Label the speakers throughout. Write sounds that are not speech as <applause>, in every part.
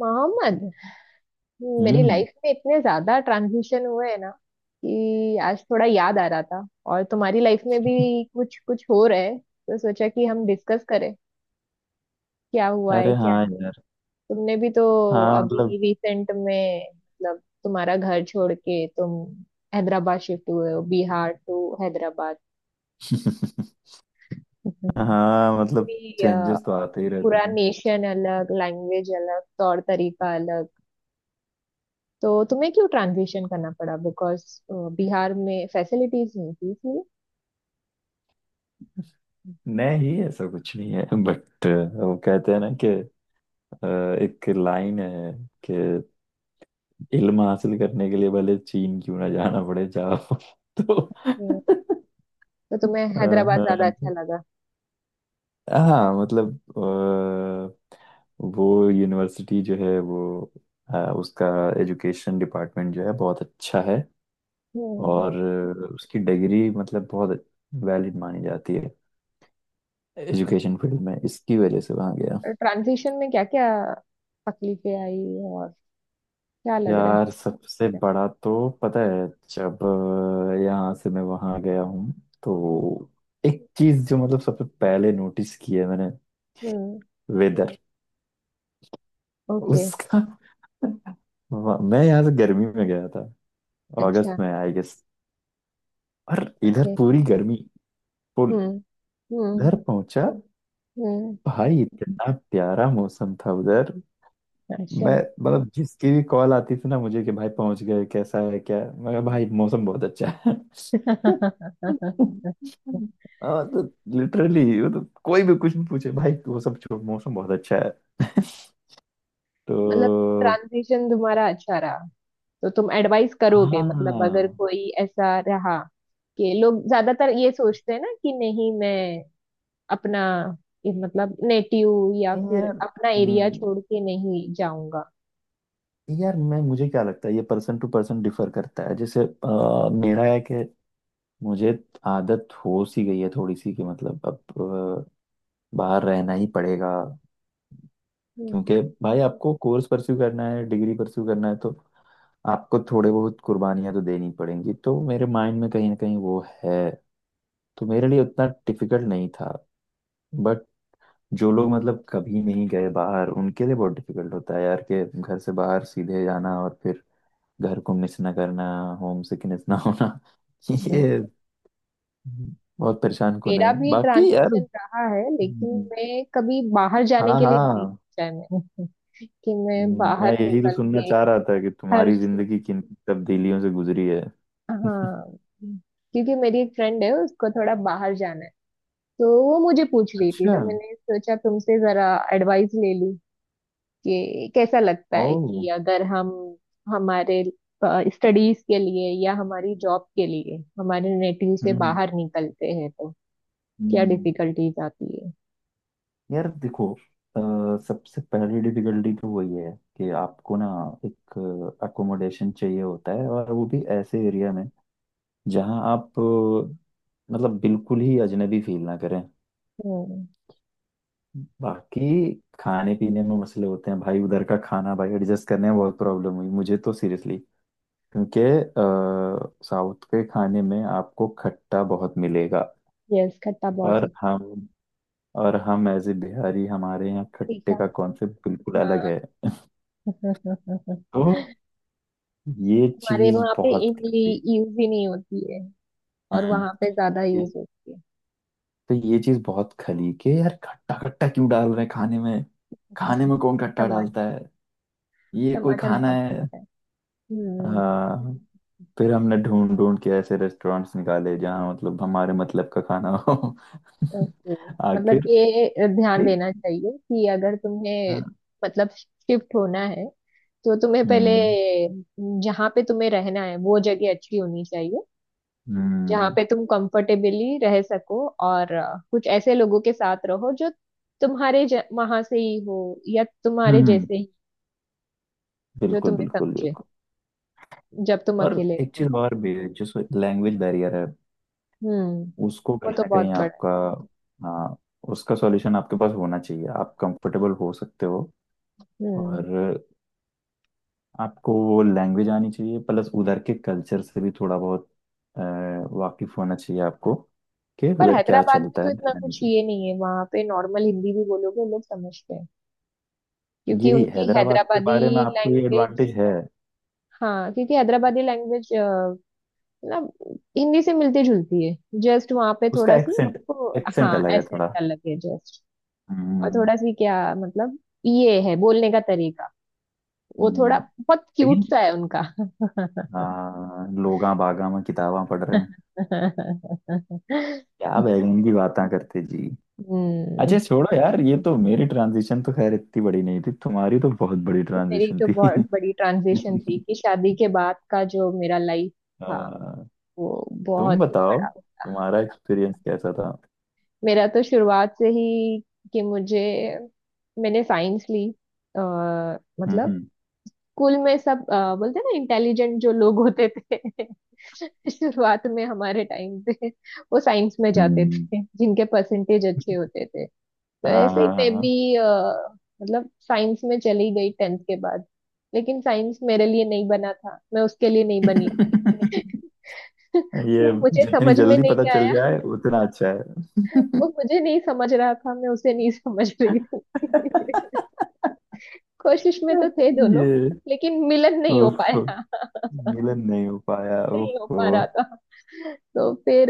Speaker 1: मोहम्मद, मेरी
Speaker 2: हम्म।
Speaker 1: लाइफ में इतने ज्यादा ट्रांजिशन हुए हैं ना कि आज थोड़ा याद आ रहा था। और तुम्हारी लाइफ में भी कुछ कुछ हो रहा है तो सोचा कि हम डिस्कस करें, क्या हुआ है
Speaker 2: अरे
Speaker 1: क्या
Speaker 2: हाँ
Speaker 1: नहीं।
Speaker 2: यार।
Speaker 1: तुमने भी तो
Speaker 2: हाँ
Speaker 1: अभी
Speaker 2: मतलब।
Speaker 1: रिसेंट में मतलब तुम्हारा घर छोड़ के तुम हैदराबाद शिफ्ट हुए हो, बिहार टू हैदराबाद।
Speaker 2: <laughs>
Speaker 1: <laughs>
Speaker 2: हाँ मतलब
Speaker 1: पूरी
Speaker 2: चेंजेस तो आते ही रहते
Speaker 1: पूरा
Speaker 2: हैं।
Speaker 1: नेशन अलग, लैंग्वेज अलग, तौर तरीका अलग। तो तुम्हें क्यों ट्रांजिशन करना पड़ा? बिकॉज बिहार में फैसिलिटीज नहीं थी इसलिए?
Speaker 2: नहीं ऐसा कुछ नहीं है बट वो कहते हैं ना कि अ, एक लाइन है कि इल्म हासिल करने के लिए भले चीन क्यों ना जाना पड़े जाओ। <laughs> तो
Speaker 1: हम्म, तो तुम्हें हैदराबाद ज्यादा
Speaker 2: अ,
Speaker 1: अच्छा लगा?
Speaker 2: हाँ मतलब, वो यूनिवर्सिटी जो है, वो उसका एजुकेशन डिपार्टमेंट जो है बहुत अच्छा है।
Speaker 1: हम्म।
Speaker 2: और उसकी डिग्री मतलब बहुत वैलिड मानी जाती है एजुकेशन फील्ड में। इसकी वजह से वहाँ गया।
Speaker 1: ट्रांजिशन में क्या क्या तकलीफें आई, और क्या लग रहा है?
Speaker 2: यार सबसे बड़ा तो पता है, जब यहाँ से मैं वहाँ गया हूँ तो एक चीज जो मतलब सबसे पहले नोटिस की है मैंने,
Speaker 1: हम्म।
Speaker 2: वेदर।
Speaker 1: ओके।
Speaker 2: उसका। <laughs> मैं यहाँ से गर्मी में गया था, अगस्त
Speaker 1: अच्छा।
Speaker 2: में आई गेस। और इधर
Speaker 1: ओके।
Speaker 2: पूरी गर्मी, फुल।
Speaker 1: हम्म। हम्म।
Speaker 2: इधर पहुंचा,
Speaker 1: हम्म।
Speaker 2: भाई इतना प्यारा मौसम था उधर।
Speaker 1: अच्छा।
Speaker 2: मैं मतलब जिसकी भी कॉल आती थी ना मुझे कि भाई पहुंच गए, कैसा है क्या है? मैं कहा,
Speaker 1: हम्म।
Speaker 2: भाई मौसम बहुत अच्छा है। <laughs>
Speaker 1: <laughs>
Speaker 2: हाँ, तो लिटरली वो तो कोई भी कुछ भी पूछे, भाई वो सब छोड़, मौसम बहुत अच्छा है।
Speaker 1: मतलब
Speaker 2: तो
Speaker 1: ट्रांजिशन तुम्हारा अच्छा रहा। तो तुम एडवाइस करोगे? मतलब अगर
Speaker 2: हाँ।
Speaker 1: कोई ऐसा रहा कि लोग ज्यादातर ये सोचते हैं ना कि नहीं, मैं अपना ये मतलब नेटिव या
Speaker 2: नहीं
Speaker 1: फिर
Speaker 2: यार।
Speaker 1: अपना एरिया
Speaker 2: हम्म।
Speaker 1: छोड़ के नहीं जाऊंगा।
Speaker 2: यार, मैं मुझे क्या लगता है ये पर्सन टू पर्सन डिफर करता है। जैसे मेरा है कि मुझे आदत हो सी गई है थोड़ी सी, कि मतलब अब बाहर रहना ही पड़ेगा।
Speaker 1: हम्म।
Speaker 2: क्योंकि भाई आपको कोर्स परस्यू करना है, डिग्री परस्यू करना है, तो आपको थोड़े बहुत कुर्बानियां तो देनी पड़ेंगी। तो मेरे माइंड में कहीं ना कहीं वो है, तो मेरे लिए उतना डिफिकल्ट नहीं था। बट जो लोग मतलब कभी नहीं गए बाहर उनके लिए बहुत डिफिकल्ट होता है यार, के घर से बाहर सीधे जाना और फिर घर को मिस ना करना, होम सिकनेस ना होना। <laughs> ये बहुत परेशान कौन है
Speaker 1: मेरा भी
Speaker 2: बाकी यार।
Speaker 1: ट्रांजिशन रहा है, लेकिन
Speaker 2: हम्म।
Speaker 1: मैं कभी बाहर जाने
Speaker 2: हाँ
Speaker 1: के लिए नहीं
Speaker 2: हाँ।
Speaker 1: सोचा है मैंने। <laughs> कि मैं
Speaker 2: मैं
Speaker 1: बाहर
Speaker 2: यही तो
Speaker 1: निकल
Speaker 2: सुनना
Speaker 1: के
Speaker 2: चाह रहा था कि
Speaker 1: घर
Speaker 2: तुम्हारी
Speaker 1: छोड़।
Speaker 2: जिंदगी किन तब्दीलियों से गुजरी है। <laughs>
Speaker 1: हाँ, क्योंकि मेरी एक फ्रेंड है, उसको थोड़ा बाहर जाना है। तो वो मुझे पूछ रही थी,
Speaker 2: अच्छा।
Speaker 1: तो मैंने सोचा तुमसे जरा एडवाइस ले लूं कि कैसा लगता है
Speaker 2: ओ।
Speaker 1: कि अगर हम हमारे स्टडीज के लिए या हमारी जॉब के लिए हमारे नेटिव से
Speaker 2: हम्म।
Speaker 1: बाहर निकलते हैं तो क्या
Speaker 2: हम्म।
Speaker 1: डिफिकल्टीज आती है।
Speaker 2: यार देखो, सबसे पहली डिफिकल्टी तो वही है कि आपको ना एक अकोमोडेशन चाहिए होता है, और वो भी ऐसे एरिया में जहां आप मतलब बिल्कुल ही अजनबी फील ना करें।
Speaker 1: हम्म।
Speaker 2: बाकी खाने पीने में मसले होते हैं भाई, उधर का खाना भाई एडजस्ट करने में बहुत प्रॉब्लम हुई मुझे तो, सीरियसली। क्योंकि साउथ के खाने में आपको खट्टा बहुत मिलेगा।
Speaker 1: यस, खट्टा बहुत
Speaker 2: और
Speaker 1: है।
Speaker 2: हम और हम एज ए बिहारी हमारे यहाँ खट्टे
Speaker 1: तीखा।
Speaker 2: का कॉन्सेप्ट बिल्कुल अलग
Speaker 1: हाँ।
Speaker 2: है। <laughs>
Speaker 1: <laughs>
Speaker 2: तो ये
Speaker 1: हमारे
Speaker 2: चीज
Speaker 1: वहाँ पे
Speaker 2: बहुत
Speaker 1: इमली
Speaker 2: खली।
Speaker 1: यूज ही नहीं होती है, और
Speaker 2: हम्म।
Speaker 1: वहाँ पे ज्यादा
Speaker 2: ये-
Speaker 1: यूज होती है।
Speaker 2: तो ये चीज बहुत खली, के यार खट्टा खट्टा क्यों डाल रहे हैं खाने में, खाने
Speaker 1: <laughs>
Speaker 2: में कौन खट्टा डालता
Speaker 1: टमाटर।
Speaker 2: है, ये कोई
Speaker 1: टमाटर
Speaker 2: खाना
Speaker 1: बहुत
Speaker 2: है।
Speaker 1: है। हम्म।
Speaker 2: हाँ। फिर हमने ढूंढ ढूंढ के ऐसे रेस्टोरेंट्स निकाले जहाँ मतलब हमारे मतलब का खाना हो। <laughs>
Speaker 1: ओके। मतलब
Speaker 2: आखिर।
Speaker 1: ये ध्यान देना चाहिए कि अगर तुम्हें मतलब शिफ्ट होना है तो तुम्हें पहले
Speaker 2: हम्म।
Speaker 1: जहाँ पे तुम्हें रहना है वो जगह अच्छी होनी चाहिए,
Speaker 2: हम्म।
Speaker 1: जहाँ पे तुम कंफर्टेबली रह सको। और कुछ ऐसे लोगों के साथ रहो जो तुम्हारे वहां से ही हो या तुम्हारे
Speaker 2: हम्म,
Speaker 1: जैसे ही, जो
Speaker 2: बिल्कुल
Speaker 1: तुम्हें
Speaker 2: बिल्कुल
Speaker 1: समझे
Speaker 2: बिल्कुल।
Speaker 1: जब तुम
Speaker 2: और
Speaker 1: अकेले
Speaker 2: एक
Speaker 1: रहो।
Speaker 2: चीज और भी है जो लैंग्वेज बैरियर है।
Speaker 1: हम्म।
Speaker 2: उसको
Speaker 1: वो
Speaker 2: कहीं
Speaker 1: तो
Speaker 2: ना कहीं
Speaker 1: बहुत बड़ा है।
Speaker 2: आपका, हाँ, उसका सॉल्यूशन आपके पास होना चाहिए, आप कंफर्टेबल हो सकते हो।
Speaker 1: हम्म।
Speaker 2: और आपको वो लैंग्वेज आनी चाहिए, प्लस उधर के कल्चर से भी थोड़ा बहुत अ, वाकिफ होना चाहिए आपको, कि
Speaker 1: पर
Speaker 2: उधर क्या
Speaker 1: हैदराबाद में
Speaker 2: चलता
Speaker 1: तो
Speaker 2: है
Speaker 1: इतना
Speaker 2: यानी
Speaker 1: कुछ
Speaker 2: चाहिए।
Speaker 1: ये नहीं है। वहां पे नॉर्मल हिंदी भी बोलोगे लोग समझते हैं,
Speaker 2: ये
Speaker 1: क्योंकि उनकी
Speaker 2: हैदराबाद के
Speaker 1: हैदराबादी
Speaker 2: बारे में आपको ये
Speaker 1: लैंग्वेज,
Speaker 2: एडवांटेज है।
Speaker 1: हाँ, क्योंकि हैदराबादी लैंग्वेज मतलब हिंदी से मिलती जुलती है। जस्ट वहां पे
Speaker 2: उसका
Speaker 1: थोड़ा सी,
Speaker 2: एक्सेंट,
Speaker 1: तो
Speaker 2: एक्सेंट
Speaker 1: हाँ
Speaker 2: अलग है
Speaker 1: एसेंट
Speaker 2: थोड़ा।
Speaker 1: अलग है जस्ट। और
Speaker 2: हम्म।
Speaker 1: थोड़ा सी क्या मतलब, ये है बोलने का तरीका, वो थोड़ा
Speaker 2: हम्म।
Speaker 1: बहुत क्यूट
Speaker 2: लेकिन
Speaker 1: सा है उनका।
Speaker 2: हाँ लोगा बागा में किताबां पढ़ रहे हैं,
Speaker 1: हम्म।
Speaker 2: क्या बैगन की बातें करते जी। अच्छा छोड़ो यार, ये तो मेरी ट्रांजिशन तो खैर इतनी बड़ी नहीं थी, तुम्हारी तो बहुत बड़ी
Speaker 1: मेरी
Speaker 2: ट्रांजिशन
Speaker 1: तो
Speaker 2: थी।
Speaker 1: बहुत बड़ी ट्रांजिशन थी
Speaker 2: <laughs>
Speaker 1: कि शादी के बाद का जो मेरा लाइफ
Speaker 2: आ,
Speaker 1: था, वो
Speaker 2: तुम
Speaker 1: बहुत ही
Speaker 2: बताओ
Speaker 1: बड़ा था।
Speaker 2: तुम्हारा एक्सपीरियंस कैसा था।
Speaker 1: मेरा तो शुरुआत से ही कि मुझे, मैंने साइंस ली। आ, मतलब
Speaker 2: हम्म।
Speaker 1: स्कूल में सब बोलते हैं ना, इंटेलिजेंट जो लोग होते थे <laughs> शुरुआत में हमारे टाइम पे, वो साइंस में जाते
Speaker 2: हम्म।
Speaker 1: थे, जिनके परसेंटेज अच्छे होते थे। तो
Speaker 2: हाँ
Speaker 1: ऐसे ही
Speaker 2: हाँ
Speaker 1: मैं
Speaker 2: हाँ।
Speaker 1: भी मतलब साइंस में चली गई टेंथ के बाद। लेकिन साइंस मेरे लिए नहीं बना था, मैं उसके लिए नहीं बनी।
Speaker 2: <laughs>
Speaker 1: <laughs>
Speaker 2: ये
Speaker 1: वो मुझे
Speaker 2: जितनी
Speaker 1: समझ में
Speaker 2: जल्दी पता
Speaker 1: नहीं
Speaker 2: चल
Speaker 1: आया,
Speaker 2: जाए उतना अच्छा है।
Speaker 1: वो मुझे नहीं समझ रहा था, मैं उसे नहीं <laughs> समझ रही थी।
Speaker 2: <laughs>
Speaker 1: <laughs> कोशिश में तो थे दोनों,
Speaker 2: ये।
Speaker 1: लेकिन मिलन नहीं हो
Speaker 2: ओफो।
Speaker 1: पाया।
Speaker 2: मिलन नहीं हो पाया,
Speaker 1: नहीं हो
Speaker 2: ओफो।
Speaker 1: पा रहा था। तो फिर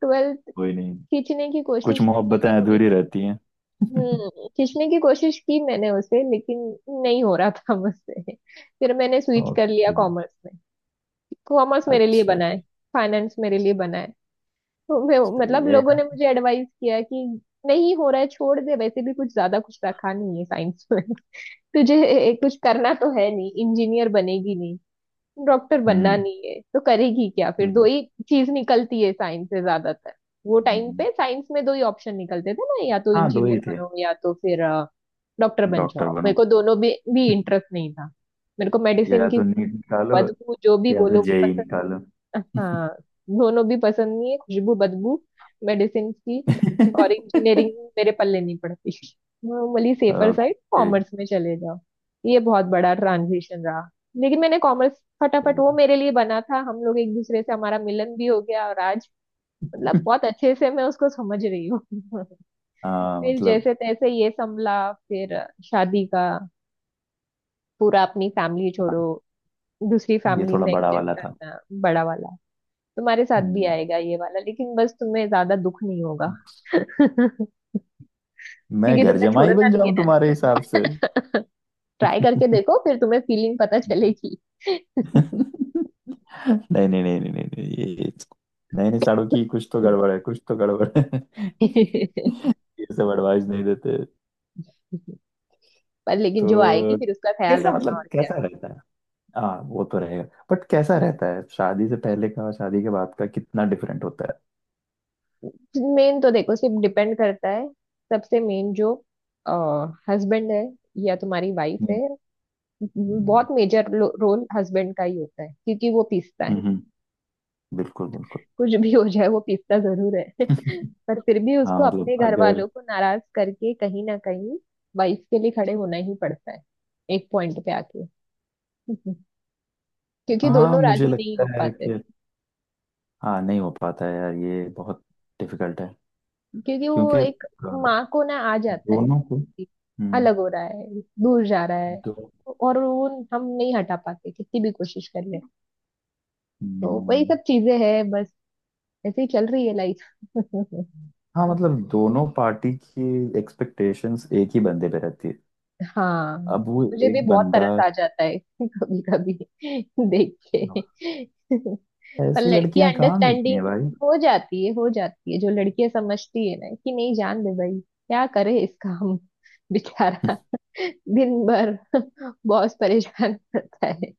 Speaker 1: ट्वेल्थ
Speaker 2: कोई नहीं,
Speaker 1: खींचने की
Speaker 2: कुछ
Speaker 1: कोशिश की
Speaker 2: मोहब्बतें
Speaker 1: लेकिन,
Speaker 2: अधूरी रहती हैं। <laughs>
Speaker 1: हम्म, खींचने की कोशिश की मैंने उसे लेकिन नहीं हो रहा था मुझसे। फिर मैंने स्विच कर लिया
Speaker 2: ओके।
Speaker 1: कॉमर्स में। कॉमर्स मेरे लिए
Speaker 2: अच्छा।
Speaker 1: बना है, फाइनेंस मेरे लिए बना है। तो मैं
Speaker 2: सही
Speaker 1: मतलब
Speaker 2: है
Speaker 1: लोगों ने
Speaker 2: यार।
Speaker 1: मुझे एडवाइस किया कि नहीं हो रहा है छोड़ दे, वैसे भी कुछ ज्यादा कुछ रखा नहीं है साइंस में। <laughs> तुझे कुछ करना तो है नहीं, इंजीनियर बनेगी नहीं, डॉक्टर बनना
Speaker 2: हम्म।
Speaker 1: नहीं है तो करेगी क्या, फिर दो
Speaker 2: हम्म,
Speaker 1: ही चीज निकलती है साइंस से ज्यादातर। वो टाइम
Speaker 2: हम्म।
Speaker 1: पे साइंस में दो ही ऑप्शन निकलते थे ना, या तो
Speaker 2: हाँ दो ही
Speaker 1: इंजीनियर
Speaker 2: थे,
Speaker 1: बनो या तो फिर डॉक्टर बन
Speaker 2: डॉक्टर
Speaker 1: जाओ। मेरे
Speaker 2: बनो,
Speaker 1: को दोनों भी इंटरेस्ट नहीं था। मेरे को मेडिसिन
Speaker 2: या
Speaker 1: की
Speaker 2: तो नीट निकालो,
Speaker 1: बदबू जो भी
Speaker 2: या तो
Speaker 1: बोलो वो
Speaker 2: जेई
Speaker 1: पसंद,
Speaker 2: निकालो।
Speaker 1: हाँ, दोनों भी पसंद नहीं है, खुशबू बदबू मेडिसिन की, और इंजीनियरिंग
Speaker 2: <laughs>
Speaker 1: मेरे पल्ले नहीं पड़ती। Normally safer side
Speaker 2: okay.
Speaker 1: Commerce में चले जाओ। ये बहुत बड़ा ट्रांजिशन रहा, लेकिन मैंने कॉमर्स फटाफट वो मेरे लिए बना था। हम लोग एक दूसरे से हमारा मिलन भी हो गया, और आज मतलब बहुत अच्छे से मैं उसको समझ रही हूँ। <laughs>
Speaker 2: हाँ
Speaker 1: फिर
Speaker 2: मतलब।
Speaker 1: जैसे तैसे ये संभला। फिर शादी का पूरा, अपनी फैमिली
Speaker 2: हाँ,
Speaker 1: छोड़ो, दूसरी
Speaker 2: ये
Speaker 1: फैमिली
Speaker 2: थोड़ा
Speaker 1: में
Speaker 2: बड़ा
Speaker 1: एडजस्ट
Speaker 2: वाला था।
Speaker 1: करना, बड़ा वाला। तुम्हारे साथ भी
Speaker 2: हम्म।
Speaker 1: आएगा ये वाला, लेकिन बस तुम्हें ज्यादा दुख नहीं होगा। <laughs> क्योंकि
Speaker 2: मैं घर
Speaker 1: तुमने
Speaker 2: जमाई
Speaker 1: छोड़ना
Speaker 2: बन
Speaker 1: नहीं है
Speaker 2: जाऊं
Speaker 1: ना।
Speaker 2: तुम्हारे हिसाब से?
Speaker 1: ट्राई करके देखो, फिर तुम्हें फीलिंग पता
Speaker 2: <laughs>
Speaker 1: चलेगी।
Speaker 2: नहीं नहीं नहीं नहीं नहीं नहीं, ये नए नए साड़ों की कुछ तो गड़बड़ है,
Speaker 1: <laughs>
Speaker 2: कुछ तो गड़बड़ है। <laughs> ये सब एडवाइस नहीं देते।
Speaker 1: पर लेकिन जो आएगी
Speaker 2: तो
Speaker 1: फिर उसका ख्याल
Speaker 2: कैसा
Speaker 1: रखना,
Speaker 2: मतलब,
Speaker 1: और क्या।
Speaker 2: कैसा रहता है? हाँ वो तो रहेगा। बट कैसा रहता है शादी से पहले का और शादी के बाद का, कितना डिफरेंट होता है?
Speaker 1: मेन तो देखो सिर्फ डिपेंड करता है, सबसे मेन जो हस्बैंड है या तुम्हारी वाइफ
Speaker 2: हम्म।
Speaker 1: है।
Speaker 2: हम्म।
Speaker 1: बहुत मेजर रोल हस्बैंड का ही होता है, क्योंकि वो पीसता है।
Speaker 2: हम्म, हम्म, बिल्कुल बिल्कुल।
Speaker 1: कुछ भी हो जाए वो पीसता जरूर है।
Speaker 2: <laughs>
Speaker 1: <laughs> पर फिर भी उसको
Speaker 2: हाँ मतलब
Speaker 1: अपने घर
Speaker 2: अगर।
Speaker 1: वालों को नाराज करके कहीं ना कहीं वाइफ के लिए खड़े होना ही पड़ता है एक पॉइंट पे आके। <laughs> क्योंकि दोनों
Speaker 2: हाँ मुझे
Speaker 1: राजी नहीं
Speaker 2: लगता
Speaker 1: हो
Speaker 2: है
Speaker 1: पाते,
Speaker 2: कि, हाँ नहीं हो पाता है यार, ये बहुत डिफिकल्ट है।
Speaker 1: क्योंकि
Speaker 2: क्योंकि
Speaker 1: वो एक माँ को ना आ जाता है
Speaker 2: दोनों को।
Speaker 1: कि
Speaker 2: हम्म।
Speaker 1: अलग हो रहा है, दूर जा रहा है।
Speaker 2: दो।
Speaker 1: और वो हम नहीं हटा पाते कितनी भी कोशिश कर ले। तो वही
Speaker 2: हम्म,
Speaker 1: सब चीजें हैं बस, ऐसे ही चल रही है लाइफ। <laughs>
Speaker 2: हाँ मतलब दोनों पार्टी की एक्सपेक्टेशंस एक ही बंदे पे रहती है।
Speaker 1: हाँ,
Speaker 2: अब वो
Speaker 1: मुझे भी
Speaker 2: एक
Speaker 1: बहुत
Speaker 2: बंदा,
Speaker 1: तरस आ जाता है <laughs> कभी कभी देख के। पर
Speaker 2: ऐसी
Speaker 1: लड़की
Speaker 2: लड़कियां कहाँ मिलती
Speaker 1: अंडरस्टैंडिंग
Speaker 2: हैं भाई।
Speaker 1: हो जाती है, हो जाती है, जो लड़कियां समझती है ना कि नहीं, जान दे भाई, क्या करे इसका, हम बेचारा दिन भर बॉस परेशान करता है,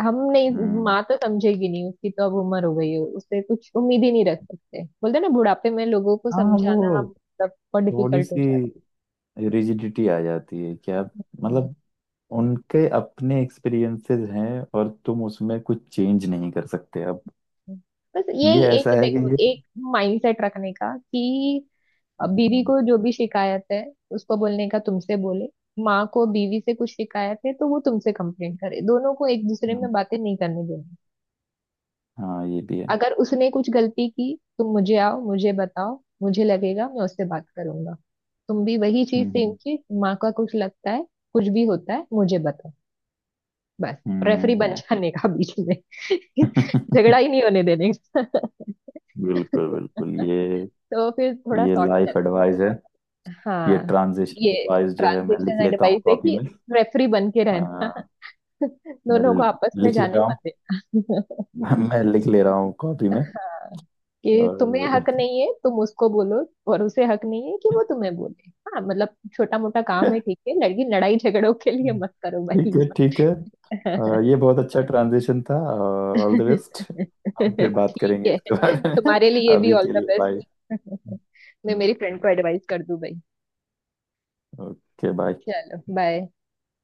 Speaker 1: हम नहीं।
Speaker 2: हम्म।
Speaker 1: माँ तो समझेगी नहीं, उसकी तो अब उम्र हो गई है, उससे कुछ उम्मीद ही नहीं रख सकते। बोलते हैं ना, बुढ़ापे में लोगों को
Speaker 2: हाँ वो
Speaker 1: समझाना मतलब बहुत
Speaker 2: थोड़ी
Speaker 1: डिफिकल्ट हो
Speaker 2: सी
Speaker 1: जाता
Speaker 2: रिजिडिटी आ जाती है क्या
Speaker 1: है।
Speaker 2: मतलब, उनके अपने एक्सपीरियंसेस हैं और तुम उसमें कुछ चेंज नहीं कर सकते अब।
Speaker 1: बस यही
Speaker 2: ये
Speaker 1: एक
Speaker 2: ऐसा है कि
Speaker 1: देखो,
Speaker 2: ये,
Speaker 1: एक माइंडसेट रखने का कि बीवी
Speaker 2: हम्म,
Speaker 1: को जो भी शिकायत है उसको बोलने का तुमसे बोले, माँ को बीवी से कुछ शिकायत है तो वो तुमसे कंप्लेंट करे। दोनों को एक दूसरे
Speaker 2: हम्म,
Speaker 1: में बातें नहीं करने देनी।
Speaker 2: हाँ ये भी है।
Speaker 1: अगर उसने कुछ गलती की, तुम मुझे आओ मुझे बताओ, मुझे लगेगा मैं उससे बात करूंगा। तुम भी वही चीज,
Speaker 2: हम्म।
Speaker 1: सेम
Speaker 2: हम्म।
Speaker 1: चीज, माँ का कुछ लगता है, कुछ भी होता है, मुझे बताओ बस। रेफरी बन
Speaker 2: हम्म।
Speaker 1: जाने का बीच में। <laughs> झगड़ा ही
Speaker 2: <laughs>
Speaker 1: नहीं होने देने का।
Speaker 2: बिल्कुल बिल्कुल। ये
Speaker 1: <laughs> तो फिर थोड़ा
Speaker 2: ये
Speaker 1: सॉर्ट।
Speaker 2: लाइफ एडवाइस है। ये
Speaker 1: हाँ,
Speaker 2: ट्रांजिशन
Speaker 1: ये
Speaker 2: एडवाइस जो है, मैं लिख
Speaker 1: ट्रांजेक्शन
Speaker 2: लेता हूँ
Speaker 1: एडवाइस है
Speaker 2: कॉपी
Speaker 1: कि
Speaker 2: में।
Speaker 1: रेफरी बन के
Speaker 2: आ,
Speaker 1: रहना। <laughs>
Speaker 2: मैं
Speaker 1: दोनों को
Speaker 2: ल-
Speaker 1: आपस में
Speaker 2: लिख ले
Speaker 1: जाने
Speaker 2: रहा
Speaker 1: मत
Speaker 2: हूँ।
Speaker 1: देना।
Speaker 2: <laughs> मैं लिख ले रहा हूँ कॉपी में।
Speaker 1: <laughs> कि तुम्हें हक
Speaker 2: और।
Speaker 1: नहीं है तुम उसको बोलो, और उसे हक नहीं है कि वो तुम्हें बोले। हाँ मतलब छोटा मोटा काम है
Speaker 2: <laughs>
Speaker 1: ठीक है, लड़की लड़ाई झगड़ों के लिए मत करो
Speaker 2: ठीक
Speaker 1: भाई।
Speaker 2: है ठीक है। ये बहुत अच्छा ट्रांजिशन था। All the best. हम फिर
Speaker 1: <laughs>
Speaker 2: बात
Speaker 1: ठीक
Speaker 2: करेंगे
Speaker 1: है,
Speaker 2: इसके बारे में।
Speaker 1: तुम्हारे
Speaker 2: <laughs>
Speaker 1: लिए भी
Speaker 2: अभी
Speaker 1: ऑल
Speaker 2: के
Speaker 1: द
Speaker 2: लिए बाय।
Speaker 1: बेस्ट। <laughs> मैं मेरी फ्रेंड को एडवाइस कर दूं भाई।
Speaker 2: Okay bye.
Speaker 1: चलो बाय।